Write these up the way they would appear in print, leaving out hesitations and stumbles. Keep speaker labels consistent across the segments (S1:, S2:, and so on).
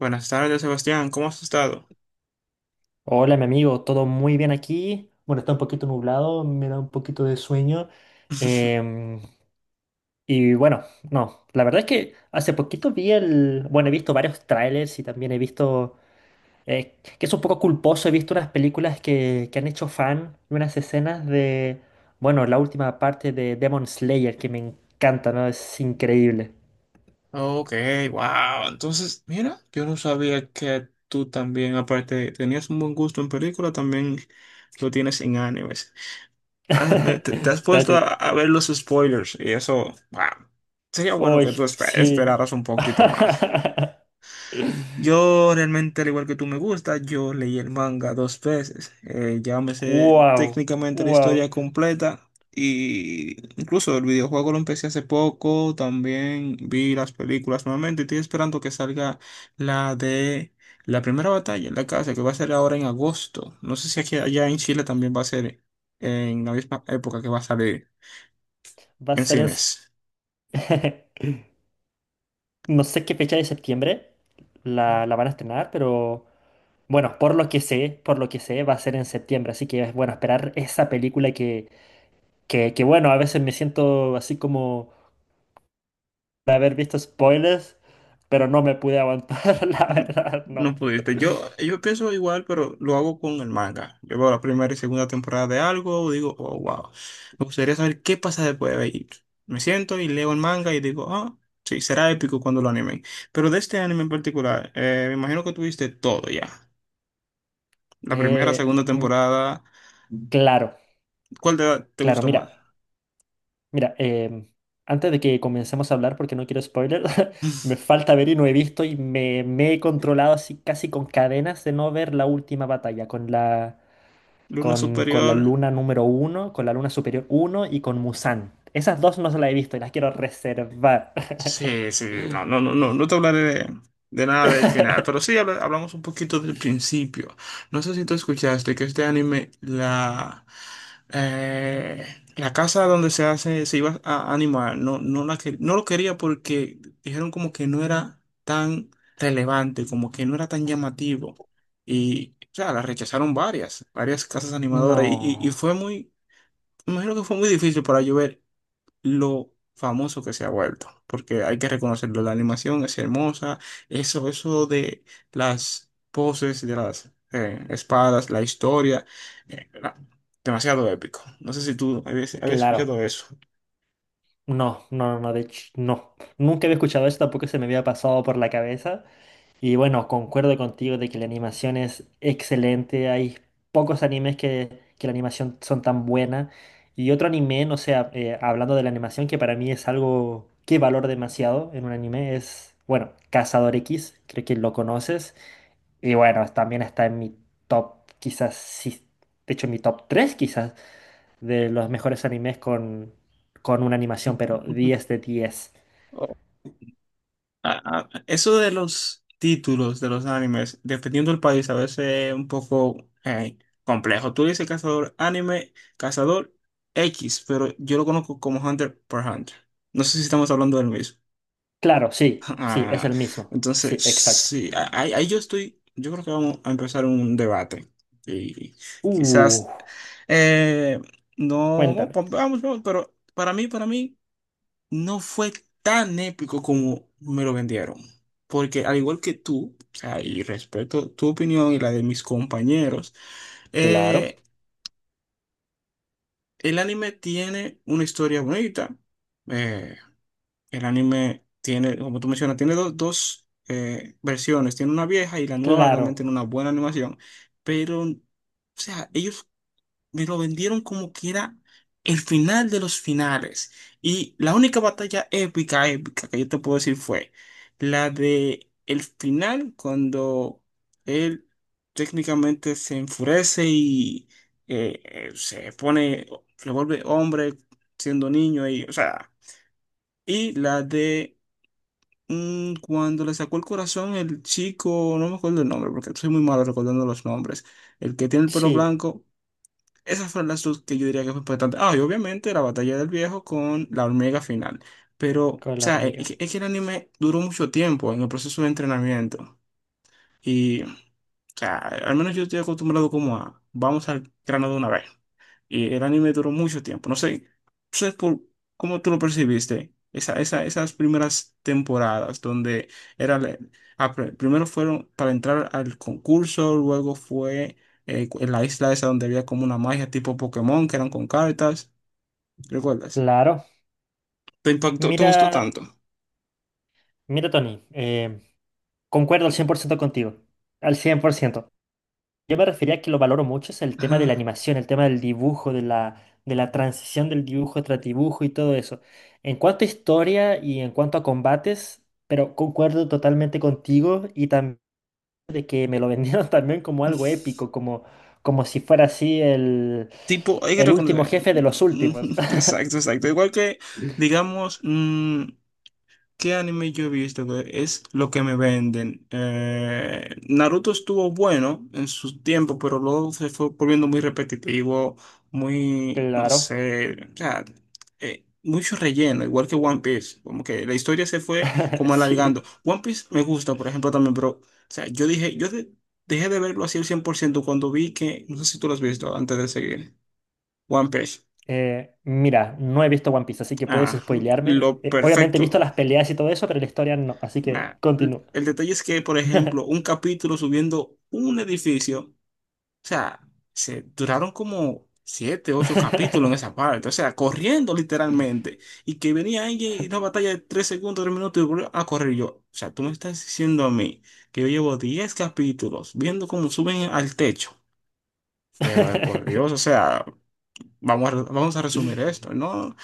S1: Buenas tardes, Sebastián. ¿Cómo has estado?
S2: Hola, mi amigo, todo muy bien aquí. Bueno, está un poquito nublado, me da un poquito de sueño. em, y bueno, no, la verdad es que hace poquito vi el... Bueno, he visto varios trailers y también he visto... que es un poco culposo, he visto unas películas que han hecho fan y unas escenas de... Bueno, la última parte de Demon Slayer que me encanta, ¿no? Es increíble.
S1: Ok, wow. Entonces, mira, yo no sabía que tú también, aparte, tenías un buen gusto en película, también lo tienes en animes. Te, te has puesto
S2: Gracias.
S1: a ver los spoilers y eso, wow. Sería bueno que tú
S2: Uy, sí.
S1: esperaras un poquito más. Yo realmente, al igual que tú me gusta, yo leí el manga dos veces. Ya me sé
S2: Wow,
S1: técnicamente la historia
S2: wow.
S1: completa y incluso el videojuego lo empecé hace poco. También vi las películas nuevamente. Estoy esperando que salga la de la primera batalla en la casa, que va a ser ahora en agosto. No sé si aquí allá en Chile también va a ser en la misma época que va a salir
S2: Va a
S1: en
S2: ser en...
S1: cines.
S2: No sé qué fecha de septiembre la van a estrenar, pero bueno, por lo que sé, por lo que sé, va a ser en septiembre. Así que es bueno esperar esa película que bueno, a veces me siento así como de haber visto spoilers, pero no me pude aguantar, la verdad, no.
S1: No pudiste. Yo pienso igual, pero lo hago con el manga. Yo veo la primera y segunda temporada de algo, digo, oh, wow. Me gustaría saber qué pasa después. Y me siento y leo el manga y digo, ah, sí, será épico cuando lo animen. Pero de este anime en particular, me imagino que tuviste todo ya. La primera,
S2: Eh,
S1: segunda
S2: mm,
S1: temporada.
S2: claro,
S1: ¿Cuál te
S2: claro,
S1: gustó más?
S2: mira. Mira, antes de que comencemos a hablar, porque no quiero spoiler, me falta ver y no he visto y me he controlado así casi con cadenas de no ver la última batalla con la,
S1: ¿Luna
S2: con la
S1: Superior?
S2: luna número uno, con la luna superior uno y con Musan. Esas dos no se las he visto y las quiero reservar.
S1: Sí, sí, no, no, no, no, no te hablaré de nada del final, pero sí hablamos un poquito del principio. No sé si tú escuchaste que este anime, la, eh, la casa donde se hace, se iba a animar, no, no, no lo quería porque dijeron como que no era tan relevante, como que no era tan llamativo. Y, o sea, la rechazaron varias, varias casas animadoras y
S2: No,
S1: fue muy, me imagino que fue muy difícil para llover lo famoso que se ha vuelto, porque hay que reconocerlo, la animación es hermosa, eso de las poses, de las espadas, la historia, era demasiado épico. No sé si tú habías
S2: claro,
S1: escuchado eso.
S2: no, no, no, de hecho, no. Nunca había escuchado esto, tampoco se me había pasado por la cabeza. Y bueno, concuerdo contigo de que la animación es excelente. Hay pocos animes que la animación son tan buena. Y otro anime, no sé, hablando de la animación, que para mí es algo que valoro demasiado en un anime, es, bueno, Cazador X, creo que lo conoces. Y bueno, también está en mi top, quizás, sí, de hecho en mi top 3 quizás, de los mejores animes con una animación, pero diez de diez.
S1: O- Eso de los títulos de los animes, dependiendo del país, a veces es un poco complejo. Tú dices cazador anime, cazador X, pero yo lo conozco como Hunter por Hunter. No sé si estamos hablando del mismo.
S2: Claro, sí, sí, es
S1: Ah,
S2: el mismo. Sí,
S1: entonces,
S2: exacto.
S1: sí, ahí, ahí yo estoy, yo creo que vamos a empezar un debate. Y
S2: Uh.
S1: quizás, eh, no,
S2: Cuéntame.
S1: vamos, vamos, vamos, pero para mí, no fue tan épico como me lo vendieron. Porque al igual que tú, o sea, y respeto tu opinión y la de mis compañeros,
S2: Claro,
S1: eh, el anime tiene una historia bonita. eh, El anime tiene, como tú mencionas, tiene dos versiones. Tiene una vieja y la nueva también
S2: claro.
S1: tiene una buena animación. Pero, o sea, ellos me lo vendieron como que era el final de los finales. Y la única batalla épica, épica que yo te puedo decir fue la de el final cuando él técnicamente se enfurece y se pone, se vuelve hombre siendo niño y, o sea, y la de cuando le sacó el corazón el chico, no me acuerdo el nombre porque soy muy malo recordando los nombres, el que tiene el pelo
S2: Sí,
S1: blanco, esas fueron las dos que yo diría que fue importante. Ah, y obviamente la batalla del viejo con la hormiga final. Pero, o
S2: con la
S1: sea,
S2: hormiga.
S1: es que el anime duró mucho tiempo en el proceso de entrenamiento. Y, o sea, al menos yo estoy acostumbrado como a, vamos al grano de una vez. Y el anime duró mucho tiempo. No sé por cómo tú lo percibiste. Esas primeras temporadas donde era primero fueron para entrar al concurso, luego fue en la isla esa donde había como una magia tipo Pokémon que eran con cartas. ¿Recuerdas?
S2: Claro.
S1: ¿Te impactó? ¿Te gustó
S2: Mira,
S1: tanto?
S2: Mira, Tony, concuerdo al 100% contigo. Al 100%. Yo me refería a que lo valoro mucho, es el tema de la
S1: Ah.
S2: animación, el tema del dibujo, de la transición del dibujo tras dibujo y todo eso. En cuanto a historia y en cuanto a combates, pero concuerdo totalmente contigo y también de que me lo vendieron también como algo épico, como, como si fuera así
S1: Tipo, hay que
S2: el último
S1: reconocer.
S2: jefe de los últimos.
S1: Exacto, exacto. Igual que, digamos, ¿qué anime yo he visto que es lo que me venden? Naruto estuvo bueno en su tiempo, pero luego se fue volviendo muy repetitivo, muy, no
S2: Claro,
S1: sé, o sea, mucho relleno, igual que One Piece, como que la historia se fue como
S2: sí.
S1: alargando. One Piece me gusta, por ejemplo, también, pero, o sea, yo dije, dejé de verlo así al 100% cuando vi que, no sé si tú lo has visto antes de seguir, One Piece.
S2: Mira, no he visto One Piece, así que puedes
S1: Ah,
S2: spoilearme.
S1: lo
S2: Obviamente he
S1: perfecto.
S2: visto las peleas y todo eso, pero la historia no, así que
S1: Nah, el
S2: continúa.
S1: el detalle es que, por ejemplo, un capítulo subiendo un edificio, o sea, se duraron como siete, ocho capítulos en esa parte, o sea, corriendo literalmente, y que venía alguien y una batalla de tres segundos, tres minutos y volvió a correr. Y yo, o sea, tú me estás diciendo a mí que yo llevo diez capítulos viendo cómo suben al techo, pero de por Dios, o sea, vamos a resumir esto, ¿no?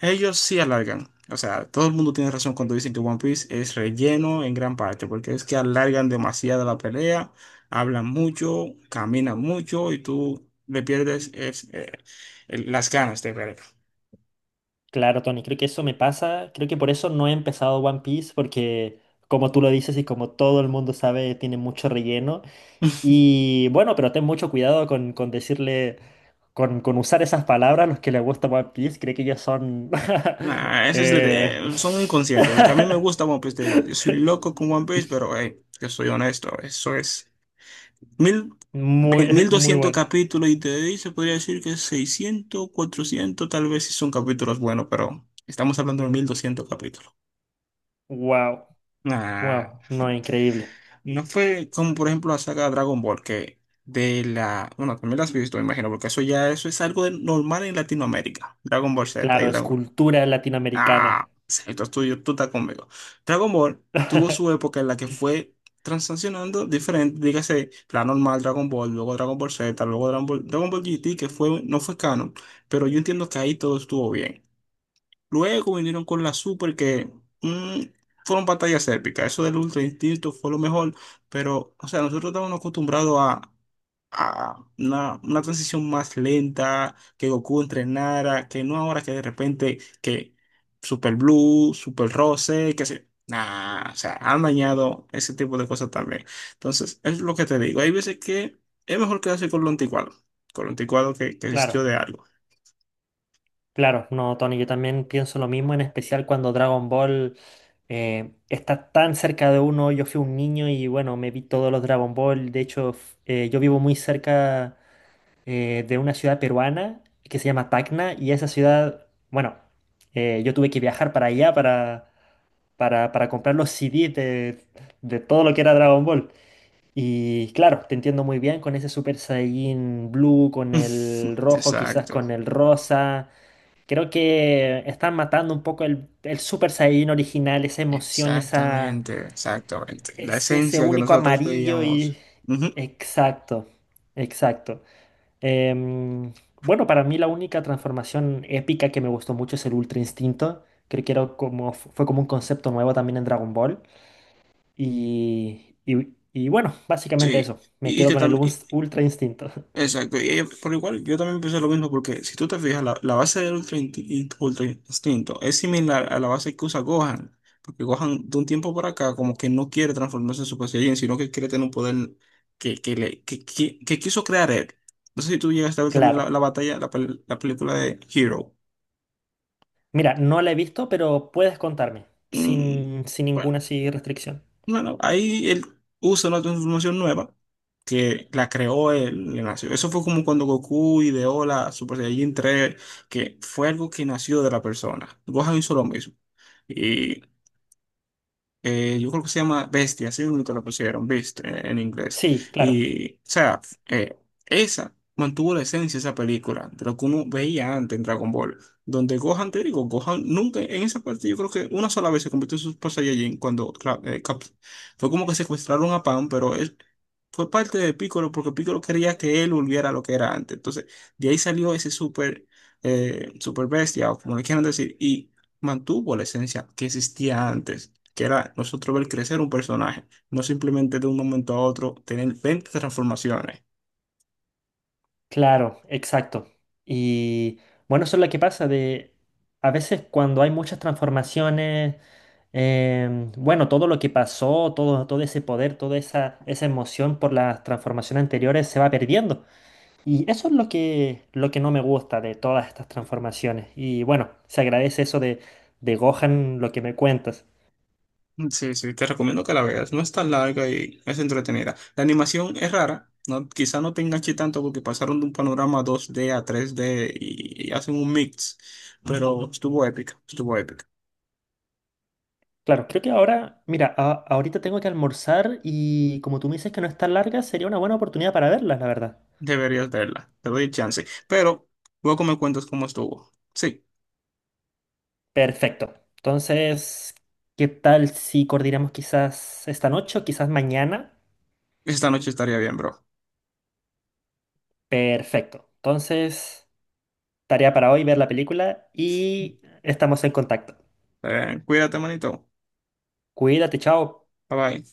S1: Ellos sí alargan. O sea, todo el mundo tiene razón cuando dicen que One Piece es relleno en gran parte, porque es que alargan demasiado la pelea, hablan mucho, caminan mucho y tú le pierdes es, las ganas de ver.
S2: Claro, Tony, creo que eso me pasa. Creo que por eso no he empezado One Piece, porque como tú lo dices y como todo el mundo sabe, tiene mucho relleno. Y bueno, pero ten mucho cuidado con decirle, con usar esas palabras a los que les gusta One Piece. Creo que ellos son...
S1: Nah, ese es
S2: eh,
S1: son inconscientes, porque a mí me gusta One Piece, te digo, yo soy loco con One Piece, pero hey, yo soy honesto, eso es. Mil,
S2: Muy,
S1: Mil
S2: muy
S1: doscientos
S2: bueno.
S1: capítulos y de ahí se podría decir que 600 400 tal vez si son capítulos buenos, pero estamos hablando de 1200 capítulos.
S2: Wow,
S1: Ah,
S2: wow, no, increíble.
S1: no fue como por ejemplo la saga Dragon Ball, que de la... Bueno, también la has visto, me imagino, porque eso ya eso es algo normal en Latinoamérica, Dragon Ball Z y
S2: Claro,
S1: Dragon Ball.
S2: escultura latinoamericana.
S1: Ah, esto es tuyo, tú estás conmigo. Dragon Ball tuvo su época en la que fue transaccionando diferente, dígase, la normal Dragon Ball, luego Dragon Ball Z, luego Dragon Ball, Dragon Ball GT, que fue, no fue canon, pero yo entiendo que ahí todo estuvo bien. Luego vinieron con la Super que mm, fueron batallas épicas. Eso del Ultra Instinto fue lo mejor, pero, o sea, nosotros estábamos acostumbrados a una transición más lenta, que Goku entrenara, que no ahora que de repente que Super Blue, Super Rose, que se... Nah, o sea, han dañado ese tipo de cosas también. Entonces, es lo que te digo. Hay veces que es mejor quedarse con lo anticuado que
S2: Claro,
S1: existió de algo.
S2: claro, no, Tony, yo también pienso lo mismo, en especial cuando Dragon Ball está tan cerca de uno. Yo fui un niño y bueno, me vi todos los Dragon Ball. De hecho, yo vivo muy cerca de una ciudad peruana que se llama Tacna y esa ciudad, bueno, yo tuve que viajar para allá para, para comprar los CDs de todo lo que era Dragon Ball. Y claro, te entiendo muy bien con ese Super Saiyan Blue, con el rojo, quizás
S1: Exacto,
S2: con el rosa. Creo que están matando un poco el Super Saiyan original, esa emoción, esa,
S1: exactamente, exactamente. La
S2: ese
S1: esencia que
S2: único
S1: nosotros
S2: amarillo y...
S1: veíamos. Ujú,
S2: Exacto, exacto. Em, bueno, para mí la única transformación épica que me gustó mucho es el Ultra Instinto. Creo que era como, fue como un concepto nuevo también en Dragon Ball. Y bueno, básicamente
S1: sí,
S2: eso. Me
S1: y
S2: quedo
S1: que
S2: con el
S1: también.
S2: Ultra Instinto.
S1: Exacto, por igual yo también pensé lo mismo porque si tú te fijas, la base del Ultra Instinto, Ultra Instinto es similar a la base que usa Gohan, porque Gohan de un tiempo para acá como que no quiere transformarse en Super Saiyajin, sino que quiere tener un poder que, le, que quiso crear él. No sé si tú llegaste a ver también la
S2: Claro.
S1: batalla, la película de Hero.
S2: Mira, no la he visto, pero puedes contarme,
S1: Mm,
S2: sin, sin
S1: bueno,
S2: ninguna así restricción.
S1: Bueno, ahí él usa una transformación nueva que la creó él, le nació. Eso fue como cuando Goku ideó la Super Saiyajin 3, que fue algo que nació de la persona. Gohan hizo lo mismo, yo creo que se llama Bestia, así mismo que la pusieron, Beast, en inglés.
S2: Sí, claro,
S1: Y, o sea, eh, esa mantuvo la esencia de esa película, de lo que uno veía antes en Dragon Ball, donde Gohan, te digo, Gohan nunca, en esa parte yo creo que una sola vez se convirtió en Super Saiyajin cuando claro, fue como que secuestraron a Pan, pero él fue parte de Piccolo porque Piccolo quería que él volviera a lo que era antes. Entonces, de ahí salió ese Super, Super Bestia, o como le quieran decir, y mantuvo la esencia que existía antes, que era nosotros ver crecer un personaje, no simplemente de un momento a otro tener 20 transformaciones.
S2: claro, exacto. Y bueno, eso es lo que pasa de a veces cuando hay muchas transformaciones, em, bueno, todo lo que pasó, todo, todo ese poder, toda esa, esa emoción por las transformaciones anteriores se va perdiendo. Y eso es lo que no me gusta de todas estas transformaciones. Y bueno, se agradece eso de Gohan, lo que me cuentas.
S1: Sí, sí, te recomiendo que la veas, no es tan larga y es entretenida. La animación es rara, no, quizá no te enganche tanto porque pasaron de un panorama 2D a 3D y hacen un mix, pero estuvo épica, estuvo épica.
S2: Claro, creo que ahora, mira, ahorita tengo que almorzar y como tú me dices que no es tan larga, sería una buena oportunidad para verlas, la verdad.
S1: Deberías verla, te doy chance, pero luego me cuentas cómo estuvo. Sí,
S2: Perfecto. Entonces, ¿qué tal si coordinamos quizás esta noche o quizás mañana?
S1: esta noche estaría bien, bro.
S2: Perfecto. Entonces, tarea para hoy ver la película y estamos en contacto.
S1: Cuídate, manito.
S2: Cuídate, chao.
S1: Bye bye.